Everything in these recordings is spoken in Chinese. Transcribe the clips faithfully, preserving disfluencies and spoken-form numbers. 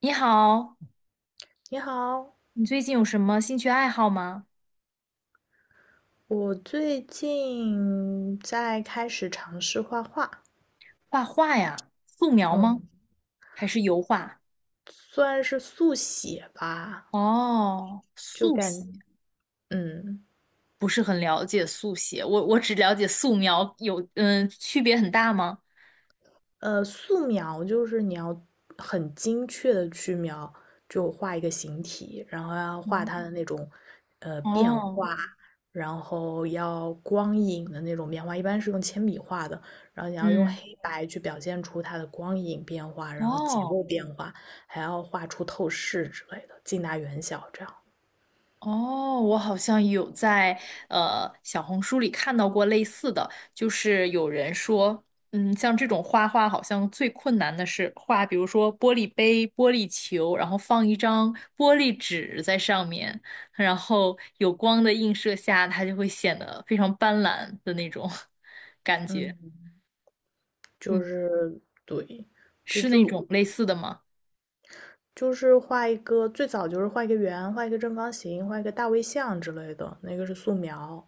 你好，你好，你最近有什么兴趣爱好吗？我最近在开始尝试画画。画画呀，素描吗？嗯，还是油画？算是速写吧。哦，就速写，感，嗯，不是很了解速写，我我只了解素描，有嗯，区别很大吗？呃，素描就是你要很精确的去描，就画一个形体，然后要画它嗯的那种呃变哦，化，然后要光影的那种变化，一般是用铅笔画的，然后你要用嗯，黑白去表现出它的光影变化，然后结哦。构变化，还要画出透视之类的，近大远小这样。哦，我好像有在呃小红书里看到过类似的，就是有人说，嗯，像这种画画好像最困难的是画，比如说玻璃杯、玻璃球，然后放一张玻璃纸在上面，然后有光的映射下，它就会显得非常斑斓的那种 感觉。嗯，就嗯，是对。就是那就种类似的吗？就是画一个，最早就是画一个圆，画一个正方形，画一个大卫像之类的，那个是素描。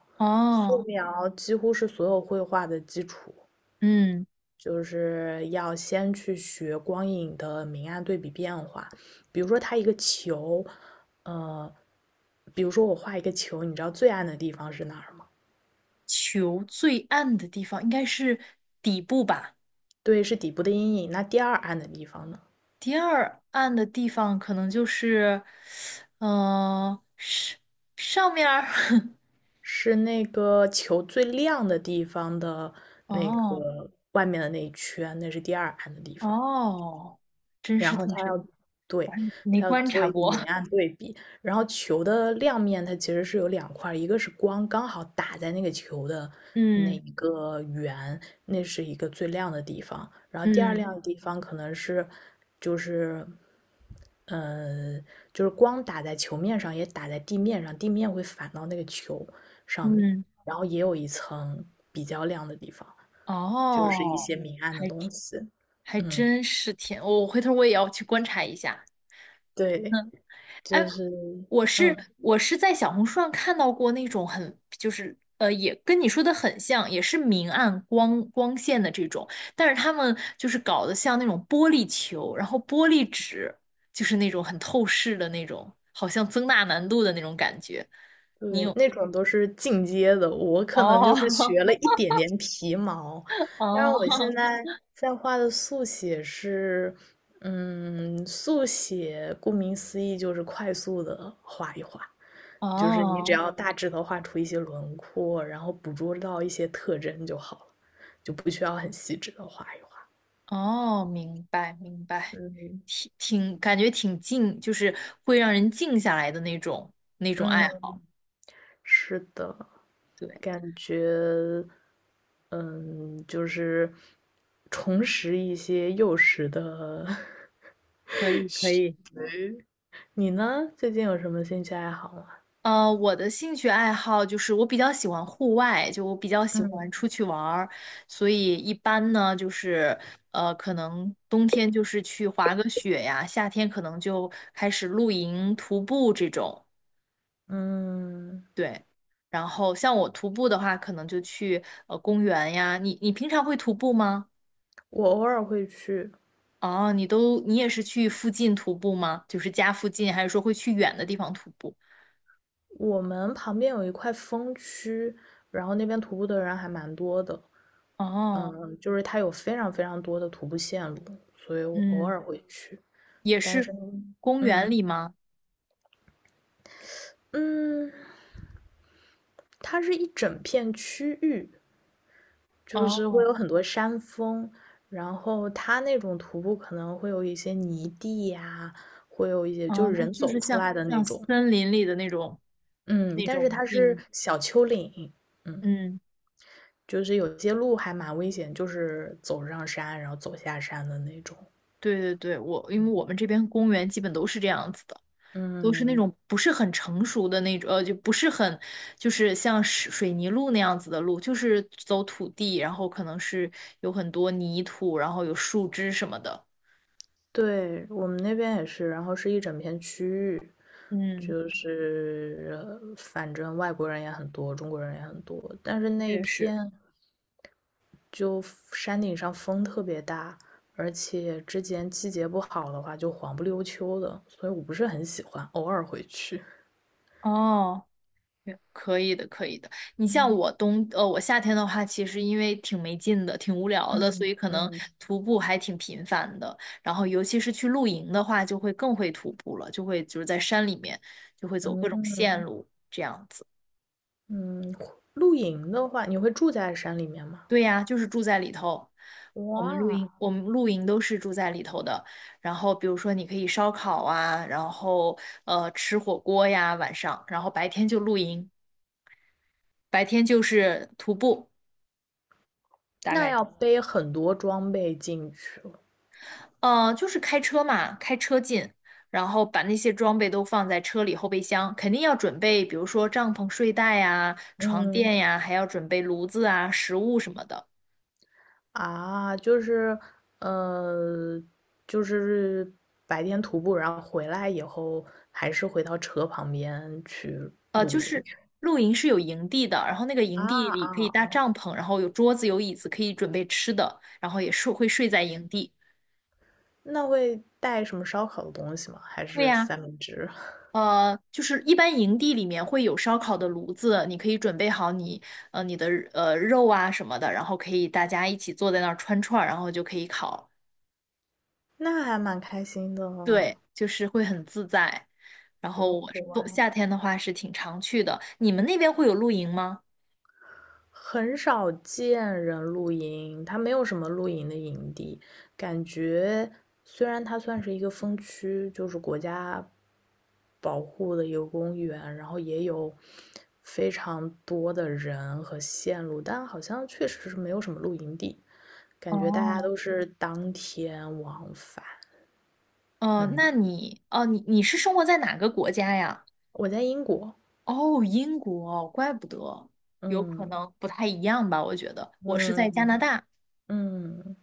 素哦，描几乎是所有绘画的基础，嗯，就是要先去学光影的明暗对比变化。比如说，它一个球，呃，比如说我画一个球，你知道最暗的地方是哪儿吗？球最暗的地方应该是底部吧。对，是底部的阴影。那第二暗的地方呢？第二暗的地方可能就是，呃，上上面儿，是那个球最亮的地方的那哦个外面的那一圈，那是第二暗的地方。哦，真然是后挺它深，要我对还没它要观做察一个过。明 暗对比，然后球的亮面它其实是有两块，一个是光刚好打在那个球的那嗯一个圆，那是一个最亮的地方，然后第二嗯亮的地方可能是就是呃就是光打在球面上，也打在地面上，地面会反到那个球上面，嗯，然后也有一层比较亮的地方，就是一哦，些明暗的还东西。还嗯，真是挺，我回头我也要去观察一下。对。哎，就是，我是嗯，我是在小红书上看到过那种很就是呃，也跟你说的很像，也是明暗光光线的这种，但是他们就是搞得像那种玻璃球，然后玻璃纸，就是那种很透视的那种，好像增大难度的那种感觉。对，那种都是进阶的，我可能哦 就是学 了一点点皮毛，但是我现哦在在画的速写是，嗯，速写顾名思义就是快速的画一画，就是你只哦要大致的画出一些轮廓，然后捕捉到一些特征就好了，就不需要很细致的画一画。哦，明白明白，嗯挺挺感觉挺静，就是会让人静下来的那种那种爱嗯，好。是的，对，感觉。嗯，就是重拾一些幼时的 可以可以。你呢？最近有什么兴趣爱好吗？呃，我的兴趣爱好就是我比较喜欢户外，就我比较喜欢嗯出去玩儿，所以一般呢就是呃，可能冬天就是去滑个雪呀，夏天可能就开始露营、徒步这种，嗯，对。然后像我徒步的话，可能就去呃公园呀。你你平常会徒步吗？我偶尔会去。哦，你都你也是去附近徒步吗？就是家附近，还是说会去远的地方徒步？我们旁边有一块风区，然后那边徒步的人还蛮多的。哦，嗯，就是它有非常非常多的徒步线路，所以我偶嗯，尔会去。也但是是呢，公嗯园里吗？嗯，它是一整片区域，就是哦。会有很多山峰，然后它那种徒步可能会有一些泥地呀、会有一些就哦，是那人就走是出像来的那像种。森林里的那种嗯，那但是种它是地，小丘陵。嗯，嗯，就是有些路还蛮危险，就是走上山然后走下山的那种。对对对，我因为我们这边公园基本都是这样子的，都是那种嗯，不是很成熟的那种，呃，就不是很就是像水水泥路那样子的路，就是走土地，然后可能是有很多泥土，然后有树枝什么的。对，我们那边也是，然后是一整片区域，嗯，就是呃反正外国人也很多，中国人也很多，但是那一确实。片。就山顶上风特别大，而且之前季节不好的话就黄不溜秋的，所以我不是很喜欢，偶尔回去。哦，可以的，可以的。你像嗯我冬，呃，我夏天的话，其实因为挺没劲的，挺无聊的，所嗯以可能嗯徒步还挺频繁的。然后，尤其是去露营的话，就会更会徒步了，就会就是在山里面，就会走各种线嗯路这样子。嗯，露营的话，你会住在山里面吗？对呀，就是住在里头。我们露营，哇，我们露营都是住在里头的。然后，比如说你可以烧烤啊，然后呃吃火锅呀，晚上，然后白天就露营，白天就是徒步，大那概。要背很多装备进去了。嗯呃，就是开车嘛，开车进，然后把那些装备都放在车里后备箱，肯定要准备，比如说帐篷、睡袋呀、床嗯垫呀，还要准备炉子啊、食物什么的。啊，就是呃，就是白天徒步，然后回来以后还是回到车旁边去呃，露就是营。露营是有营地的，然后那个啊营地啊里可以搭啊！帐篷，然后有桌子、有椅子，可以准备吃的，然后也是会睡在营嗯地。那会带什么烧烤的东西吗？还会是呀、三明治？呃，就是一般营地里面会有烧烤的炉子，你可以准备好你呃你的呃肉啊什么的，然后可以大家一起坐在那儿串串儿，然后就可以烤。那还蛮开心的哦。对，就是会很自在。然对，后我是户外冬夏天的话是挺常去的。你们那边会有露营吗？很少见人露营，它没有什么露营的营地，感觉虽然它算是一个风区，就是国家保护的一个公园，然后也有非常多的人和线路，但好像确实是没有什么露营地，感觉大家哦，都是当天往返。呃，嗯。那你哦，你你是生活在哪个国家呀？我在英国。哦，英国，怪不得，有可嗯能不太一样吧，我觉得。我是在加拿嗯大。嗯，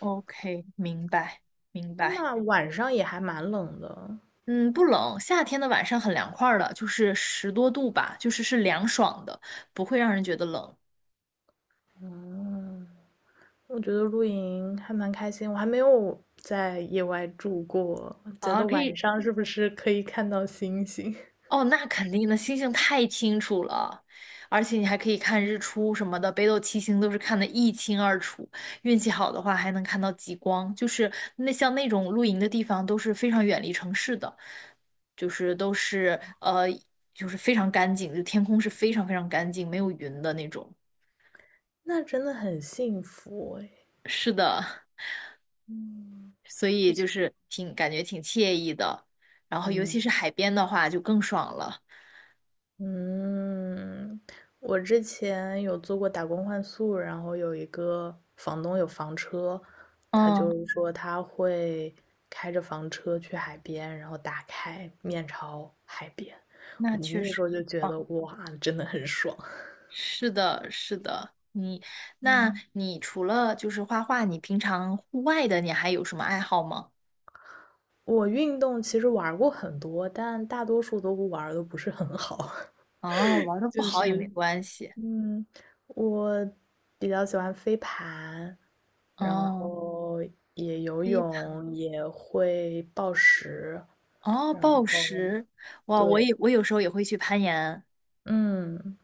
O K，明白，明白。那晚上也还蛮冷的。嗯，不冷，夏天的晚上很凉快儿的，就是十多度吧，就是是凉爽的，不会让人觉得冷嗯，我觉得露营还蛮开心，我还没有在野外住过，觉啊。得可晚以，上是不是可以看到星星？哦，那肯定的，星星太清楚了，而且你还可以看日出什么的，北斗七星都是看得一清二楚，运气好的话还能看到极光。就是那像那种露营的地方都是非常远离城市的，就是都是呃，就是非常干净，就天空是非常非常干净，没有云的那种。那真的很幸福哎。是的。嗯，所以不就错。是挺感觉挺惬意的。然后尤其是嗯。海边的话，就更爽了。嗯，我之前有做过打工换宿，然后有一个房东有房车，他就嗯，是说他会开着房车去海边，然后打开面朝海边。那嗯确那实时候就很觉棒。得哇，真的很爽。是的，是的。你，那嗯，你除了就是画画，你平常户外的你还有什么爱好吗？我运动其实玩儿过很多，但大多数都不玩儿的不是很好。哦，玩的 不就好也没是，关系。嗯，我比较喜欢飞盘，然嗯，后也游飞盘，泳，也会暴食，哦，然暴后食，哇，我对。也我有时候也会去攀岩。嗯，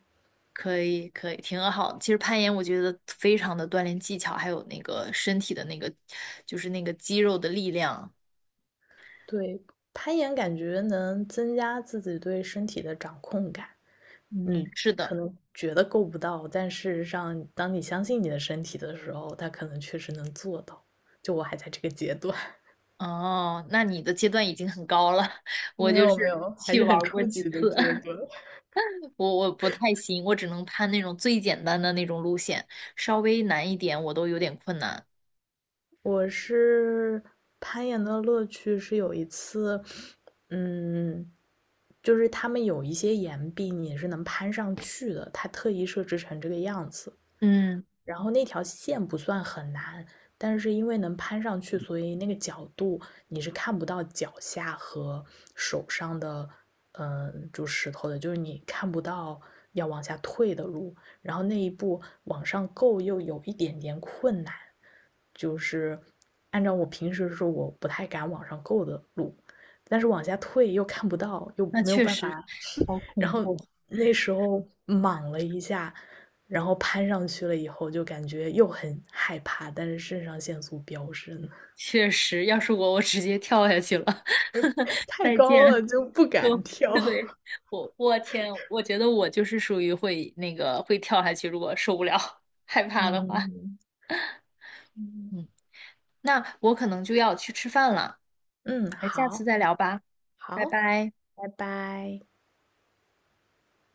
可以，可以，挺好。其实攀岩，我觉得非常的锻炼技巧，还有那个身体的那个，就是那个肌肉的力量。对，攀岩感觉能增加自己对身体的掌控感。嗯，你是可的。能觉得够不到，但事实上，当你相信你的身体的时候，它可能确实能做到。就我还在这个阶段，哦，那你的阶段已经很高了，我没就有没是有，还去是玩很儿过初几级的次，阶 段。我我不太行，我只能攀那种最简单的那种路线，稍微难一点我都有点困难。我是攀岩的乐趣是有一次，嗯，就是他们有一些岩壁你也是能攀上去的，他特意设置成这个样子。嗯，然后那条线不算很难，但是因为能攀上去，所以那个角度你是看不到脚下和手上的。嗯，就石头的，就是你看不到要往下退的路。然后那一步往上够又有一点点困难，就是按照我平时说我不太敢往上够的路，但是往下退又看不到，又那没有确办实法，好然恐后怖，那时候莽了一下，然后攀上去了以后，就感觉又很害怕，但是肾上腺素飙升。确实，要是我，我直接跳下去了。太再高了见。就不就 敢 跳。对 我，我天，我觉得我就是属于会那个会跳下去，如果受不了、害怕的话。嗯嗯嗯，那我可能就要去吃饭了，嗯，那下次好再聊吧，拜好，拜。拜拜。